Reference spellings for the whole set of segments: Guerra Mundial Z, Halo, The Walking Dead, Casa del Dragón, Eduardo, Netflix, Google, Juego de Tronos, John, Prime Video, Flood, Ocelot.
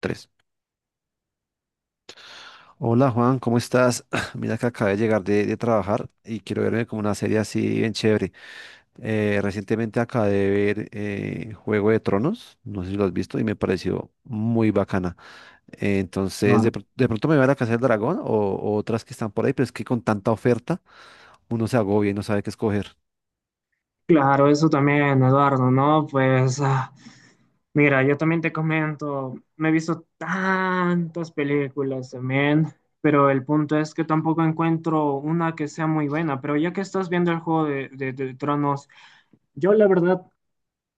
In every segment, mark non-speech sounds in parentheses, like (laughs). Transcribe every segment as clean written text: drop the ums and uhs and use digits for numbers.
Tres. Hola Juan, ¿cómo estás? (clears throat) Mira que acabé de llegar de trabajar y quiero verme como una serie así bien chévere. Recientemente acabé de ver Juego de Tronos, no sé si lo has visto, y me pareció muy bacana. Entonces, Ah, de pronto me va a la Casa del Dragón o otras que están por ahí, pero es que con tanta oferta uno se agobia y no sabe qué escoger. Claro, eso también, Eduardo, ¿no? Pues, mira, yo también te comento, me he visto tantas películas también, pero el punto es que tampoco encuentro una que sea muy buena. Pero ya que estás viendo el juego de, de Tronos, yo la verdad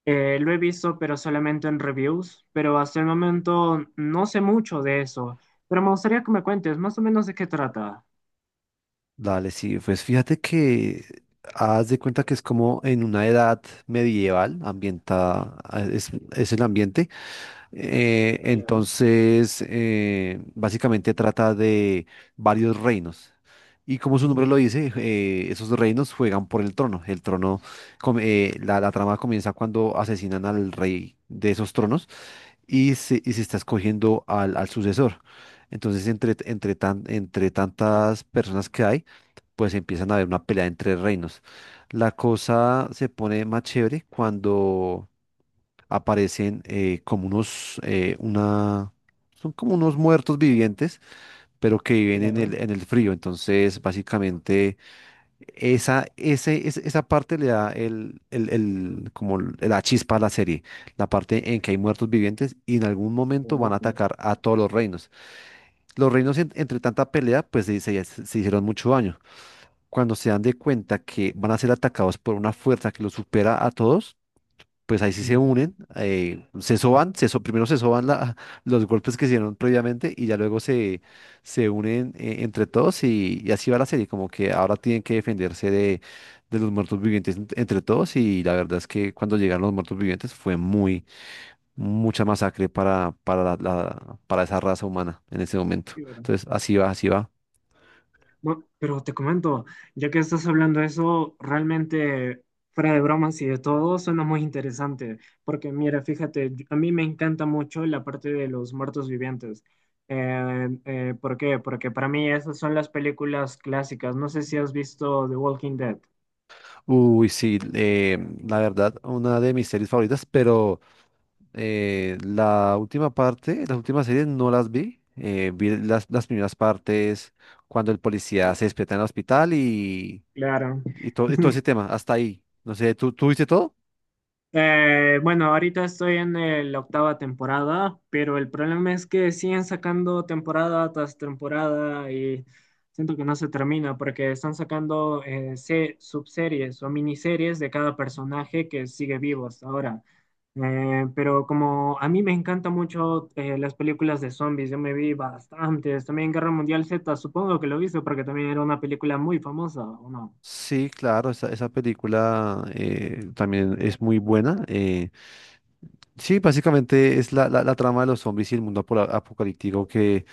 lo he visto, pero solamente en reviews, pero hasta el momento no sé mucho de eso. Pero me gustaría que me cuentes más o menos de qué trata. Dale, sí, pues fíjate que haz de cuenta que es como en una edad medieval, ambientada, es el ambiente. Claro, Básicamente trata de varios reinos. Y como su ujú, nombre lo dice, esos reinos juegan por el trono. El trono, la trama comienza cuando asesinan al rey de esos tronos y se está escogiendo al sucesor. Entonces, entre tantas personas que hay, pues empiezan a haber una pelea entre reinos. La cosa se pone más chévere cuando aparecen son como unos muertos vivientes, pero que viven en claro. en el frío. Entonces, básicamente, esa parte le da la chispa a la serie, la parte en que hay muertos vivientes y en algún momento van Oh, a atacar a todos los reinos. Los reinos, entre tanta pelea, pues se hicieron mucho daño. Cuando se dan de cuenta que van a ser atacados por una fuerza que los supera a todos, pues ahí sí se ujú, unen, se soban, primero se soban (laughs) los golpes que se dieron previamente y ya luego se unen entre todos y así va la serie, como que ahora tienen que defenderse de los muertos vivientes entre todos y la verdad es que cuando llegaron los muertos vivientes fue muy mucha masacre para esa raza humana en ese momento. claro. Entonces, así va, así va. Bueno, pero te comento, ya que estás hablando de eso, realmente, fuera de bromas y de todo, suena muy interesante, porque mira, fíjate, yo, a mí me encanta mucho la parte de los muertos vivientes. ¿Por qué? Porque para mí esas son las películas clásicas. No sé si has visto The Walking Dead. Uy, sí, la verdad, una de mis series favoritas, pero la última parte, las últimas series no las vi. Vi las primeras partes cuando el policía se despierta en el hospital Claro. Y todo ese (laughs) tema, hasta ahí. No sé, tú viste todo? Bueno, ahorita estoy en el- la octava temporada, pero el problema es que siguen sacando temporada tras temporada y siento que no se termina porque están sacando subseries o miniseries de cada personaje que sigue vivo hasta ahora. Pero como a mí me encantan mucho las películas de zombies, yo me vi bastantes, también Guerra Mundial Z, supongo que lo viste porque también era una película muy famosa, ¿o no? Sí, claro, esa película también es muy buena. Sí, básicamente es la trama de los zombies y el mundo apocalíptico que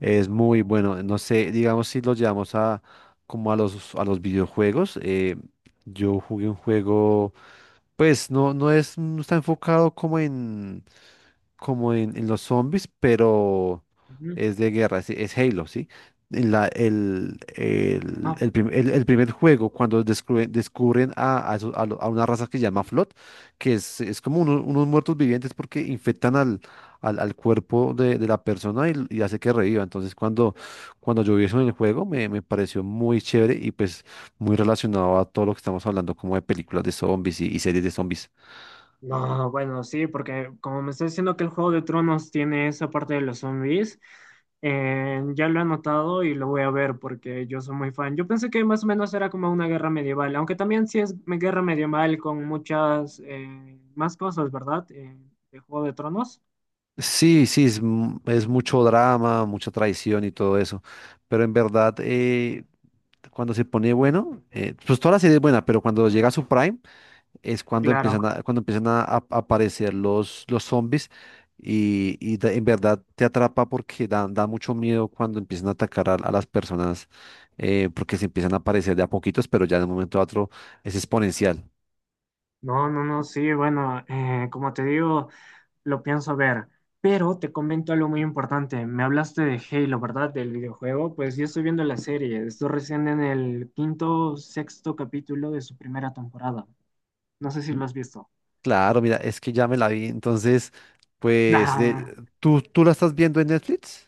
es muy bueno. No sé, digamos si lo llevamos a como a a los videojuegos. Yo jugué un juego. Pues no, no está enfocado en los zombies, pero Ujú. es de guerra, es Halo, ¿sí? En la- Ah, el prim- el- El primer juego, cuando descubren a eso- a lo- a una raza que se llama Flood, que es como unos muertos vivientes porque infectan al cuerpo de la persona y hace que reviva. Entonces, cuando yo vi eso en el juego, me pareció muy chévere y pues muy relacionado a todo lo que estamos hablando, como de películas de zombies y series de zombies. no, bueno, sí, porque como me está diciendo que el Juego de Tronos tiene esa parte de los zombies, ya lo he anotado y lo voy a ver porque yo soy muy fan. Yo pensé que más o menos era como una guerra medieval, aunque también sí es me- guerra medieval con muchas más cosas, ¿verdad? De Juego de Tronos. Es mucho drama, mucha traición y todo eso. Pero en verdad, cuando se pone bueno, pues toda la serie es buena, pero cuando llega a su prime es cuando Claro. Empiezan a aparecer los zombies en verdad te atrapa porque da, da mucho miedo cuando empiezan a atacar a las personas porque se empiezan a aparecer de a poquitos, pero ya de un momento a otro es exponencial. No, no, no, sí, bueno, como te digo, lo pienso ver. Pero te comento algo muy importante. Me hablaste de Halo, ¿verdad? Del videojuego. Pues yo estoy viendo la serie. Estoy recién en el quinto, sexto capítulo de su primera temporada. No sé si lo has visto. Claro, mira, es que ya me la vi. Entonces, pues, de, (laughs) tú la estás viendo en Netflix?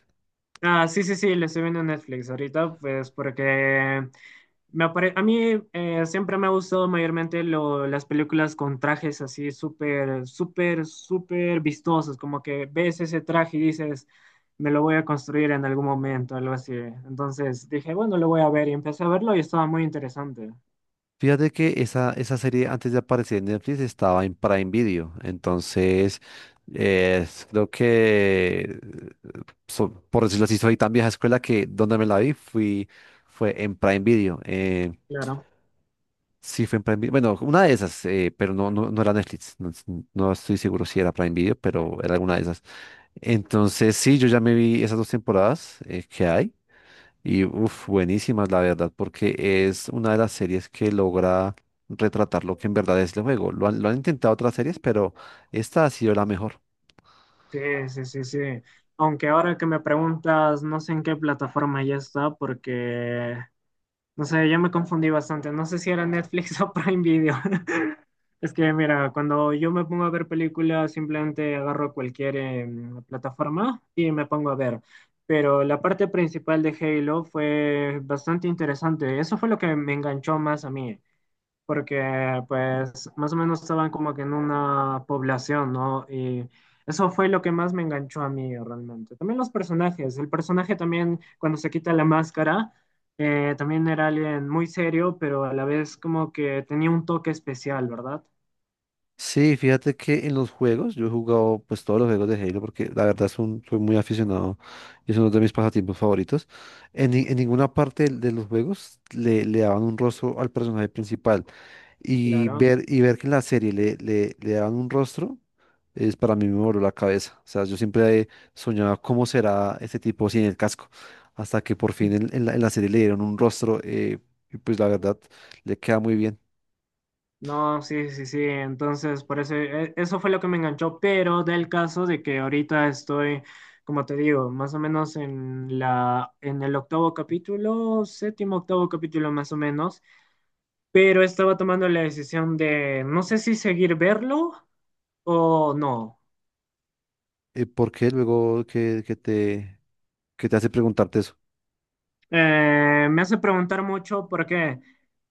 Sí, sí, sí, lo estoy viendo en Netflix ahorita, pues porque me apare- a mí siempre me ha gustado mayormente lo- las películas con trajes así súper, súper, súper vistosos, como que ves ese traje y dices, me lo voy a construir en algún momento, algo así. Entonces dije, bueno, lo voy a ver y empecé a verlo y estaba muy interesante. Fíjate que esa serie antes de aparecer en Netflix estaba en Prime Video. Entonces, eh, creo que, por decirlo así, soy tan vieja escuela que donde me la vi fue en Prime Video. Claro. Sí, fue en Prime Video. Bueno, una de esas, pero no, no era Netflix. No estoy seguro si era Prime Video, pero era alguna de esas. Entonces, sí, yo ya me vi esas dos temporadas que hay. Y uff, buenísimas, la verdad, porque es una de las series que logra retratar lo que en verdad es el juego. Lo han intentado otras series, pero esta ha sido la mejor. Sí, sí, sí, sí. Aunque ahora que me preguntas, no sé en qué plataforma ya está, porque no sé, yo me confundí bastante. No sé si era Netflix (laughs) o Prime Video. (laughs) Es que, mira, cuando yo me pongo a ver películas, simplemente agarro cualquier plataforma y me pongo a ver. Pero la parte principal de Halo fue bastante interesante. Eso fue lo que me enganchó más a mí porque pues más o menos estaban como que en una población, ¿no? Y eso fue lo que más me enganchó a mí realmente. También los personajes, el personaje también cuando se quita la máscara, también era alguien muy serio, pero a la vez como que tenía un toque especial, ¿verdad? Sí, fíjate que en los juegos, yo he jugado pues todos los juegos de Halo porque la verdad es soy muy aficionado y es uno de mis pasatiempos favoritos. En, ni- En ninguna parte de los juegos le daban un rostro al personaje principal Claro. Y ver que en la serie le daban un rostro. Es, para mí me voló la cabeza. O sea, yo siempre soñaba cómo será este tipo sin el casco hasta que por fin en la serie le dieron un rostro, y pues la verdad le queda muy bien. No, sí, sí, sí. Entonces, por eso, e- eso fue lo que me enganchó, pero del caso de que ahorita estoy, como te digo, más o menos en la, en el octavo capítulo, séptimo, octavo capítulo más o menos, pero estaba tomando la decisión de no sé si seguir verlo o no. ¿Por qué luego que te hace preguntarte eso? Me hace preguntar mucho por qué,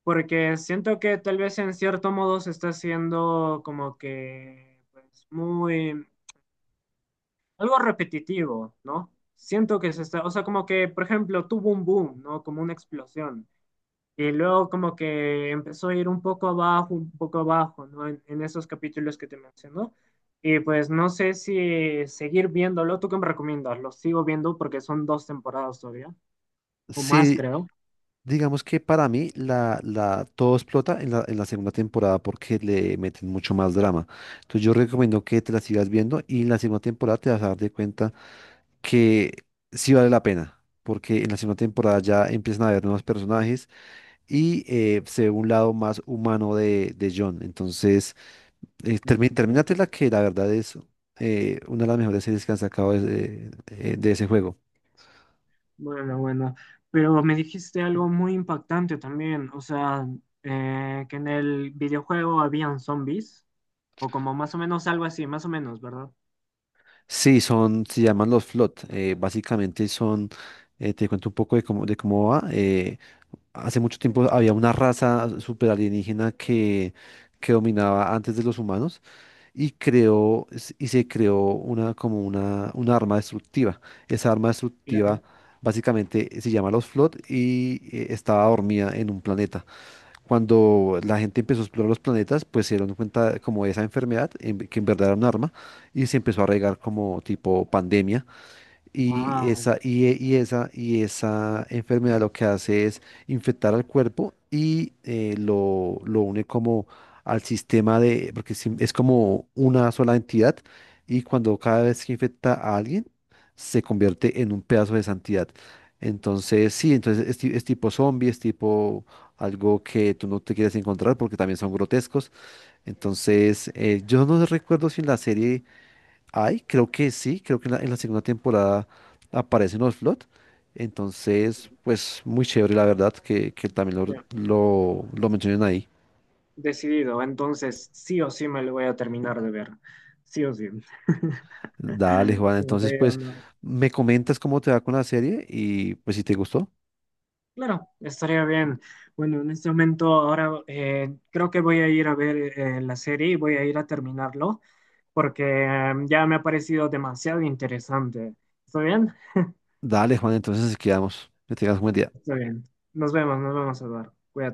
porque siento que tal vez en cierto modo se está haciendo como que, pues, muy algo repetitivo, ¿no? Siento que se está, o sea, como que, por ejemplo, tuvo un boom, ¿no? Como una explosión. Y luego como que empezó a ir un poco abajo, ¿no? En esos capítulos que te menciono. Y pues no sé si seguir viéndolo. ¿Tú qué me recomiendas? Lo sigo viendo porque son dos temporadas todavía, o más Sí, creo. digamos que para mí todo explota en en la segunda temporada porque le meten mucho más drama. Entonces yo recomiendo que te la sigas viendo y en la segunda temporada te vas a dar de cuenta que sí vale la pena. Porque en la segunda temporada ya empiezan a haber nuevos personajes y se ve un lado más humano de John. Entonces, No. terminate la que la verdad es una de las mejores series que han sacado de ese juego. Bueno, bueno, pero me dijiste algo muy impactante también, o sea, que en el videojuego habían zombies, o como más o menos algo así, más o menos, ¿verdad? Sí, son, se llaman los Flood. Te cuento un poco de cómo va. Hace mucho tiempo había una raza super alienígena que dominaba antes de los humanos y se creó una arma destructiva. Esa arma destructiva Claro. básicamente se llama los Flood y estaba dormida en un planeta. Cuando la gente empezó a explorar los planetas, pues se dieron cuenta como de esa enfermedad, que en verdad era un arma, y se empezó a regar como tipo pandemia y Ah, esa, y, e- y esa enfermedad lo que hace es infectar al cuerpo y lo une como al sistema de, porque es como una sola entidad y cuando cada vez que infecta a alguien se convierte en un pedazo de esa entidad. Entonces, sí, entonces es tipo zombie, es tipo algo que tú no te quieres encontrar porque también son grotescos. Entonces, yo no recuerdo si en la serie... Ay, creo que sí, creo que en en la segunda temporada aparece en Ocelot. Entonces, pues muy chévere, la verdad, que también ya, lo mencionen ahí. decidido, entonces sí o sí me lo voy a terminar de ver, sí o sí. (laughs) Dale, Juan. Como te Entonces, digo, pues no, me comentas cómo te va con la serie y pues si te gustó. claro, estaría bien. Bueno, en este momento ahora creo que voy a ir a ver la serie y voy a ir a terminarlo porque ya me ha parecido demasiado interesante. ¿Está bien? Dale, Juan. Entonces, así quedamos. Que tengas un buen día. Está bien. Nos vemos, Eduardo. Cuídate.